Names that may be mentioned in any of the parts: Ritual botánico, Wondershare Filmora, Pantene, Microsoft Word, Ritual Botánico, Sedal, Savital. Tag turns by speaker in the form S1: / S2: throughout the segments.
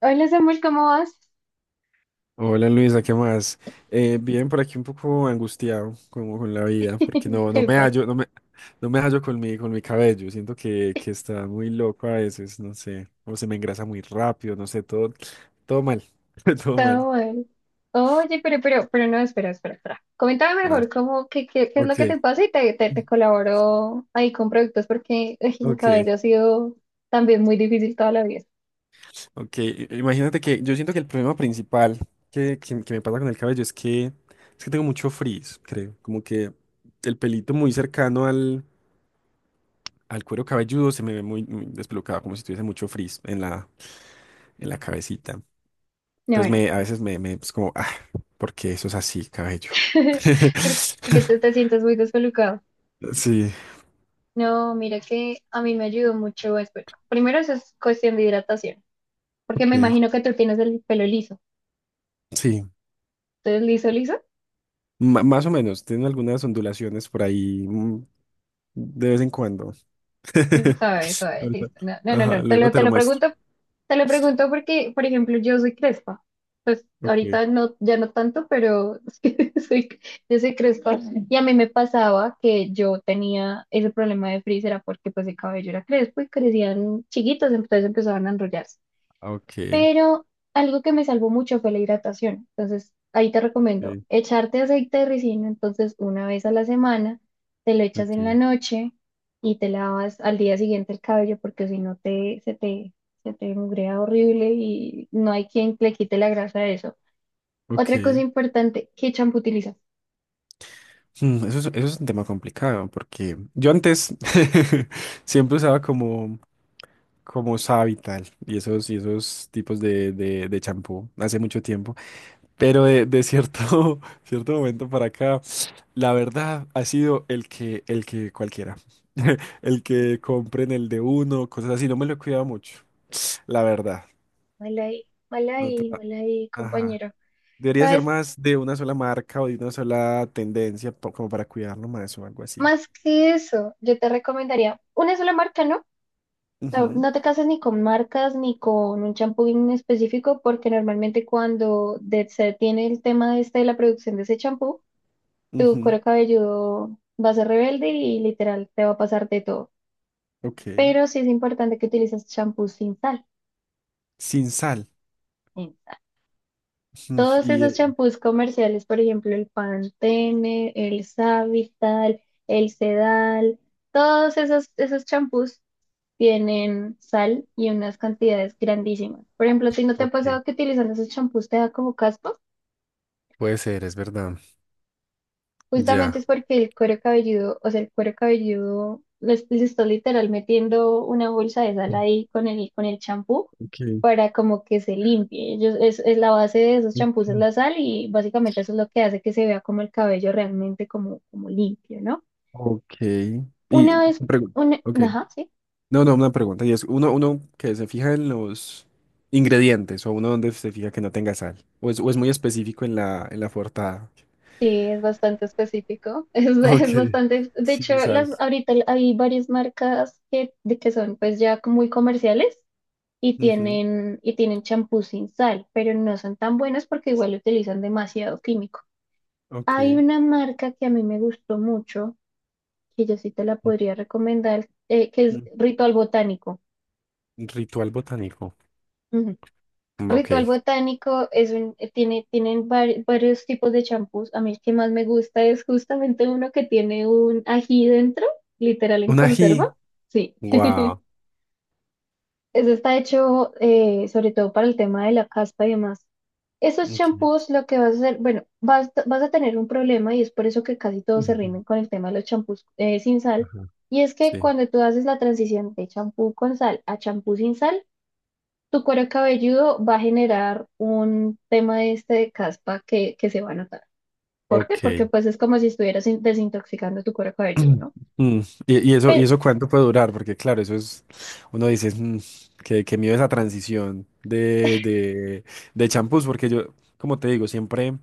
S1: Hola Samuel, ¿cómo vas?
S2: Hola Luisa, ¿qué más? Bien, por aquí un poco angustiado como con la vida, porque no
S1: Sí,
S2: me
S1: pues,
S2: hallo, no me hallo con mi cabello. Siento que está muy loco a veces, no sé, o se me engrasa muy rápido, no sé, todo mal, todo mal.
S1: todo mal. Oye, pero no, espera. Coméntame
S2: Ah,
S1: mejor cómo, qué es lo
S2: ok,
S1: que te pasa y te colaboro ahí con productos porque ay, mi
S2: ok,
S1: cabello ha sido también muy difícil toda la vida.
S2: ok. Imagínate que yo siento que el problema principal que me pasa con el cabello es que tengo mucho frizz, creo, como que el pelito muy cercano al cuero cabelludo se me ve muy despelucado, como si tuviese mucho frizz en la cabecita.
S1: No,
S2: Entonces
S1: bueno,
S2: a veces me es como, ah, ¿por qué eso es así, cabello?
S1: porque que tú te sientes muy descolocado.
S2: Sí,
S1: No, mira que a mí me ayudó mucho. Bueno, primero eso es cuestión de hidratación, porque me
S2: ok,
S1: imagino que tú tienes el pelo liso.
S2: sí,
S1: Entonces, liso, liso.
S2: más o menos, tienen algunas ondulaciones por ahí de vez en cuando.
S1: Entonces, suave, suave,
S2: Ahorita-
S1: listo. No, no, no,
S2: Ajá,
S1: no,
S2: luego te
S1: te
S2: lo
S1: lo
S2: muestro.
S1: pregunto. Te lo pregunto porque, por ejemplo, yo soy crespa. Pues
S2: Ok,
S1: ahorita no, ya no tanto, pero sí, soy, yo soy crespa. Y a mí me pasaba que yo tenía ese problema de frizz, era porque pues el cabello era crespo y crecían chiquitos, entonces empezaban a enrollarse.
S2: ah, ok,
S1: Pero algo que me salvó mucho fue la hidratación. Entonces, ahí te recomiendo
S2: ok,
S1: echarte aceite de ricino, entonces una vez a la semana, te lo echas en la
S2: ok,
S1: noche y te lavas al día siguiente el cabello porque si no se te mugrea horrible y no hay quien le quite la grasa a eso. Otra cosa
S2: ok.
S1: importante, ¿qué champú utilizas?
S2: Eso es un tema complicado porque yo antes siempre usaba como Savital y esos tipos de champú hace mucho tiempo. Pero de cierto, cierto momento para acá, la verdad ha sido el que cualquiera. El que compren el de uno, cosas así. No me lo he cuidado mucho, la verdad.
S1: Mal ahí, mal
S2: No te-
S1: ahí, mal ahí,
S2: Ajá.
S1: compañero.
S2: Debería ser
S1: ¿Sabes?
S2: más de una sola marca o de una sola tendencia, como para cuidarlo más o algo así.
S1: Más que eso, yo te recomendaría una sola marca, ¿no? No,
S2: Ujú,
S1: no te casas ni con marcas ni con un champú en específico, porque normalmente cuando se tiene el tema este de la producción de ese champú, tu
S2: ujú,
S1: cuero cabelludo va a ser rebelde y literal te va a pasar de todo.
S2: ok.
S1: Pero sí es importante que utilices champú sin sal.
S2: Sin sal. Ujú.
S1: Todos esos champús comerciales, por ejemplo, el Pantene, el Savital, el Sedal, esos champús tienen sal y unas cantidades grandísimas. Por ejemplo, ¿a ti no te ha
S2: Ok.
S1: pasado que utilizando esos champús te da como caspa?
S2: Puede ser, es verdad.
S1: Justamente
S2: Ya.
S1: es porque el cuero cabelludo, o sea, el cuero cabelludo les está literal metiendo una bolsa de sal ahí con con el champú
S2: Okay,
S1: para como que se limpie. Ellos, es la base de esos champús es
S2: okay,
S1: la sal y básicamente eso es lo que hace que se vea como el cabello realmente como, como limpio, ¿no?
S2: ok. Y
S1: Una vez,
S2: pregu-
S1: una,
S2: ok.
S1: ajá, sí,
S2: No, no, una pregunta. Y es uno, uno que se fija en los ingredientes o uno donde se fija que no tenga sal. O es muy específico en la portada.
S1: sí, es bastante específico,
S2: Ok,
S1: es bastante, de
S2: sí,
S1: hecho,
S2: sin sal.
S1: las, ahorita hay varias marcas que, de que son pues ya muy comerciales
S2: Ujú,
S1: y tienen champús sin sal, pero no son tan buenos porque igual utilizan demasiado químico. Hay
S2: ok.
S1: una marca que a mí me gustó mucho, que yo sí te la
S2: Mm,
S1: podría recomendar, que es
S2: mm,
S1: Ritual Botánico.
S2: ritual botánico.
S1: Ujú.
S2: Mm, ok.
S1: Ritual Botánico es un, tiene, tienen varios tipos de champús. A mí el que más me gusta es justamente uno que tiene un ají dentro, literal en
S2: Un ají.
S1: conserva. Sí.
S2: Wow.
S1: Eso está hecho sobre todo para el tema de la caspa y demás. Esos
S2: Ok.
S1: champús lo que vas a hacer, bueno, vas, vas a tener un problema y es por eso que casi todos se
S2: Ujú,
S1: rinden con el tema de los champús sin sal.
S2: ajá,
S1: Y es que
S2: sí.
S1: cuando tú haces la transición de champú con sal a champú sin sal, tu cuero cabelludo va a generar un tema este de caspa que se va a notar. ¿Por qué? Porque
S2: Ok.
S1: pues es como si estuvieras desintoxicando tu cuero cabelludo, ¿no?
S2: Mm, y eso, y
S1: Pe-
S2: eso cuánto puede durar? Porque claro, eso es, uno dice, "Mm, qué, qué miedo esa transición de champús, porque yo, como te digo, siempre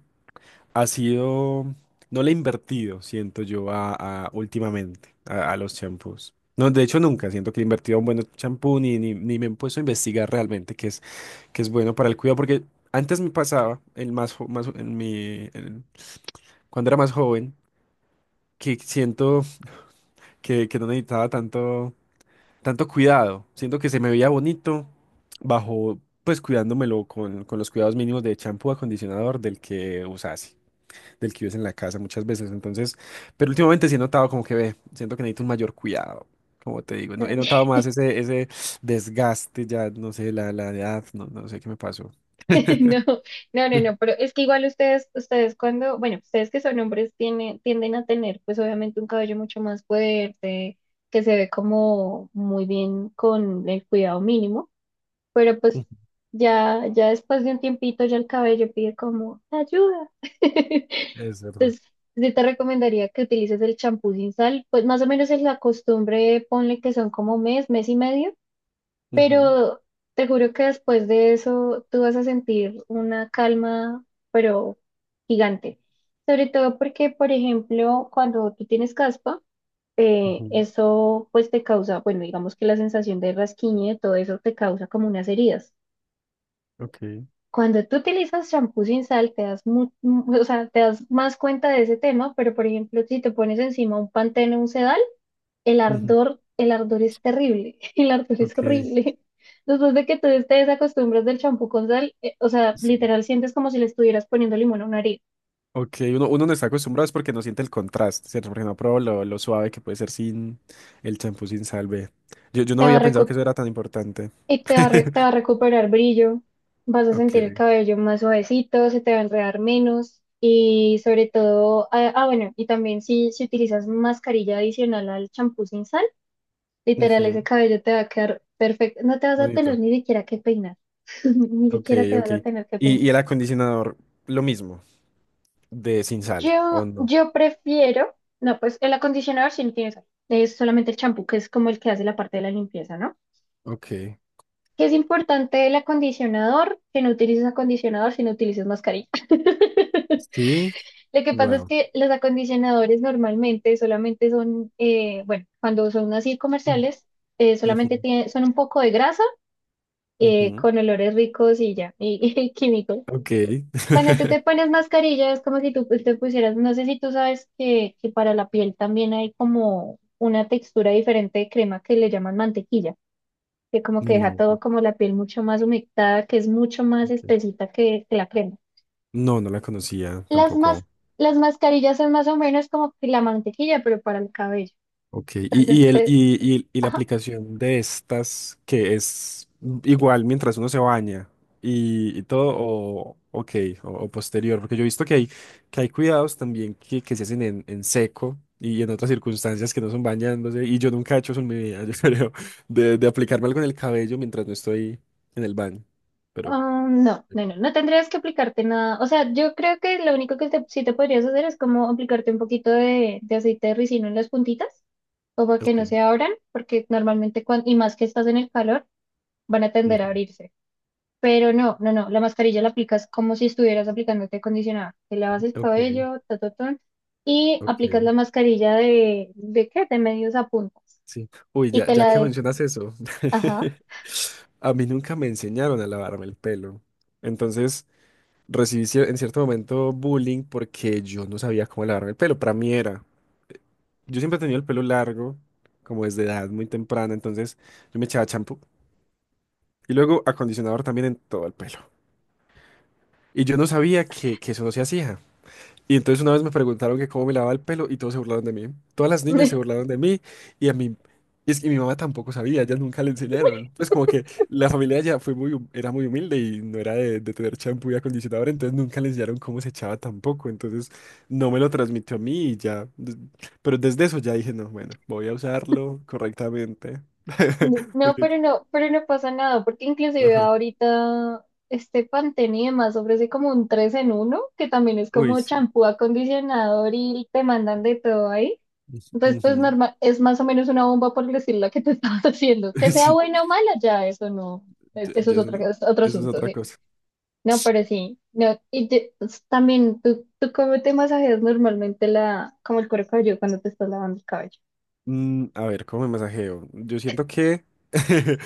S2: ha sido, no le he invertido, siento yo, últimamente a los champús. No, de hecho nunca siento que he invertido a un buen champú ni me he puesto a investigar realmente qué es bueno para el cuidado, porque antes me pasaba, el más, más en cuando era más joven, que siento que no necesitaba tanto. Tanto cuidado. Siento que se me veía bonito bajo, pues cuidándomelo con los cuidados mínimos de champú, acondicionador del que usase, del que usé en la casa muchas veces. Entonces, pero últimamente sí he notado como que ve, siento que necesito un mayor cuidado. Como te digo, no, he notado más ese desgaste ya, no sé, la edad, no, no sé qué me pasó.
S1: No, no, no, no, pero es que igual ustedes, ustedes cuando, bueno, ustedes que son hombres tienen, tienden a tener pues obviamente un cabello mucho más fuerte, que se ve como muy bien con el cuidado mínimo, pero pues ya, ya después de un tiempito ya el cabello pide como ayuda.
S2: Es verdad.
S1: Entonces, yo te recomendaría que utilices el champú sin sal, pues más o menos es la costumbre, ponle que son como mes, mes y medio
S2: Ujú,
S1: pero te juro que después de eso tú vas a sentir una calma, pero gigante. Sobre todo porque, por ejemplo, cuando tú tienes caspa,
S2: ujú.
S1: eso pues te causa, bueno, digamos que la sensación de rasquiñe, todo eso te causa como unas heridas.
S2: Ok.
S1: Cuando tú utilizas champú sin sal, te das, o sea, te das más cuenta de ese tema, pero por ejemplo, si te pones encima un Pantene o un Sedal,
S2: Ujú,
S1: el ardor es terrible, el ardor es
S2: ok.
S1: horrible. Después de que tú te desacostumbras del champú con sal, o sea,
S2: Sí.
S1: literal sientes como si le estuvieras poniendo limón a una herida.
S2: Ok, uno, uno no está acostumbrado es porque no siente el contraste, ¿cierto? Porque no prueba lo suave que puede ser sin el champú sin salve. Yo no
S1: Te va a
S2: había pensado
S1: recu-
S2: que eso era tan importante.
S1: Y te va a recuperar brillo, vas a
S2: Ok,
S1: sentir el cabello más suavecito, se te va a enredar menos y sobre todo, bueno, y también si utilizas mascarilla adicional al champú sin sal, literal
S2: ujú,
S1: ese cabello te va a quedar perfecto, no te vas a tener
S2: bonito.
S1: ni siquiera que peinar, ni
S2: Ok,
S1: siquiera te vas
S2: ok.
S1: a tener que
S2: Y,
S1: peinar.
S2: y el acondicionador, lo mismo, de sin sal, ¿o no?
S1: Yo prefiero, no, pues el acondicionador sí no tiene sal, es solamente el champú, que es como el que hace la parte de la limpieza, ¿no?
S2: Ok.
S1: Que es importante el acondicionador, que no utilices acondicionador si no utilices mascarilla.
S2: Sí,
S1: Lo que pasa es
S2: wow.
S1: que los acondicionadores normalmente solamente son, bueno, cuando son así comerciales,
S2: Ujú,
S1: son un poco de grasa
S2: ujú.
S1: con olores ricos y ya, y, y químicos.
S2: Ok.
S1: Cuando tú te pones mascarilla es como si tú pues, te pusieras, no sé si tú sabes que para la piel también hay como una textura diferente de crema que le llaman mantequilla, que como que deja
S2: No,
S1: todo como la piel mucho más humectada, que es mucho más
S2: ok,
S1: espesita que la crema.
S2: no, no la conocía
S1: Las mas-
S2: tampoco.
S1: las mascarillas son más o menos como que la mantequilla, pero para el cabello.
S2: Ok, y, y,
S1: Entonces,
S2: el, y, y- y la
S1: ajá,
S2: aplicación de estas que es igual mientras uno se baña y todo, o, ok, o posterior, porque yo he visto que hay cuidados también que se hacen en seco y en otras circunstancias que no son bañándose, y yo nunca he hecho eso en mi vida, yo creo, de aplicarme algo en el cabello mientras no estoy en el baño, pero...
S1: ah, no, no, no, no tendrías que aplicarte nada. O sea, yo creo que lo único que sí te podrías hacer es como aplicarte un poquito de aceite de ricino en las puntitas como que
S2: Ok,
S1: no se abran, porque normalmente cuando, y más que estás en el calor, van a tender a
S2: ujú,
S1: abrirse. Pero no, no, no, la mascarilla la aplicas como si estuvieras aplicándote acondicionador. Te lavas el
S2: ok,
S1: cabello, ta, ta, ta, y aplicas
S2: ok,
S1: la mascarilla ¿de qué? De medios a puntas.
S2: sí. Uy,
S1: Y
S2: ya,
S1: te
S2: ya
S1: la
S2: que
S1: de,
S2: mencionas eso,
S1: ajá.
S2: a mí nunca me enseñaron a lavarme el pelo. Entonces recibí en cierto momento bullying porque yo no sabía cómo lavarme el pelo. Para mí era. Yo siempre he tenido el pelo largo, como desde edad muy temprana. Entonces yo me echaba champú y luego acondicionador también en todo el pelo. Y yo no sabía que eso no se hacía. Y entonces una vez me preguntaron que cómo me lavaba el pelo y todos se burlaron de mí. Todas las niñas se burlaron de mí y a mí... Y es que mi mamá tampoco sabía, ellas nunca le enseñaron. Pues como que la familia ya fue muy, era muy humilde y no era de tener champú y acondicionador, entonces nunca le enseñaron cómo se echaba tampoco. Entonces no me lo transmitió a mí y ya. Pero desde eso ya dije, no, bueno, voy a usarlo correctamente.
S1: No,
S2: Porque,
S1: pero no, pero no pasa nada, porque inclusive
S2: ajá.
S1: ahorita este Pantene y demás ofrece como un 3 en 1 que también es
S2: Uy,
S1: como
S2: sí.
S1: champú, acondicionador y te mandan de todo ahí. Entonces, pues
S2: Ujú.
S1: normal, es más o menos una bomba por decir la que te estabas haciendo. Que sea
S2: Sí,
S1: buena o mala, ya eso no,
S2: ya,
S1: eso
S2: ya eso,
S1: es otro
S2: eso es
S1: asunto,
S2: otra
S1: sí.
S2: cosa.
S1: No, pero sí, no, pues, también tú cómo te masajeas normalmente la, como el cuero cabelludo cuando te estás lavando el cabello.
S2: Mm, a ver, ¿cómo me masajeo? Yo siento que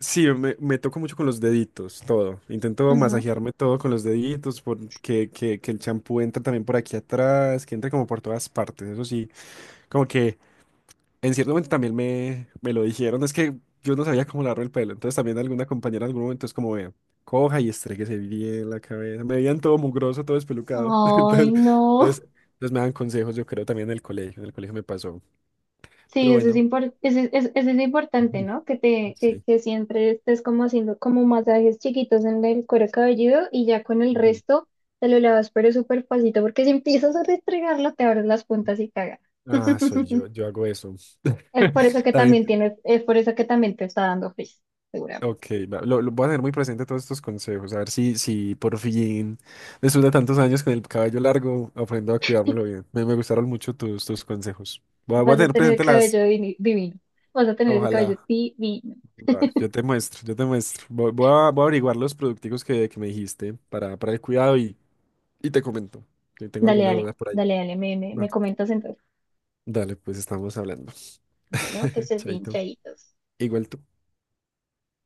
S2: sí, me toco mucho con los deditos, todo. Intento
S1: Ujú.
S2: masajearme todo con los deditos, porque que el champú entra también por aquí atrás, que entra como por todas partes. Eso sí, como que en cierto momento también me lo dijeron. Es que yo no sabía cómo lavarme el pelo. Entonces también alguna compañera en algún momento es como, vea, coja y estréguese bien la cabeza. Me veían todo mugroso, todo espelucado.
S1: Ay, no.
S2: Entonces, entonces me dan consejos, yo creo, también en el colegio. En el colegio me pasó.
S1: Sí,
S2: Pero bueno.
S1: eso es importante, ¿no? Que te,
S2: Sí.
S1: que siempre estés como haciendo como masajes chiquitos en el cuero cabelludo y ya con el
S2: Ujú.
S1: resto te lo lavas, pero súper pasito, porque si empiezas a restregarlo, te abres las puntas y cagas.
S2: Ah, soy yo, yo hago eso.
S1: Es por eso que también
S2: También,
S1: tienes, es por eso que también te está dando frizz, seguramente.
S2: ok, va, lo voy a tener muy presente todos estos consejos, a ver si por fin, después de tantos años con el cabello largo, aprendo a cuidármelo bien. Me gustaron mucho tus consejos. Voy a
S1: Vas a
S2: tener
S1: tener el
S2: presente las,
S1: cabello divi- divino. Vas a tener ese cabello
S2: ojalá.
S1: divino.
S2: Va, yo te muestro. Voy a averiguar los producticos que me dijiste para el cuidado y te comento, que tengo
S1: Dale,
S2: alguna
S1: dale,
S2: duda por ahí.
S1: dale, dale, me
S2: Va.
S1: comentas entonces.
S2: Dale, pues estamos hablando.
S1: Bueno, que estés bien,
S2: Chaito.
S1: chayitos.
S2: Igual tú.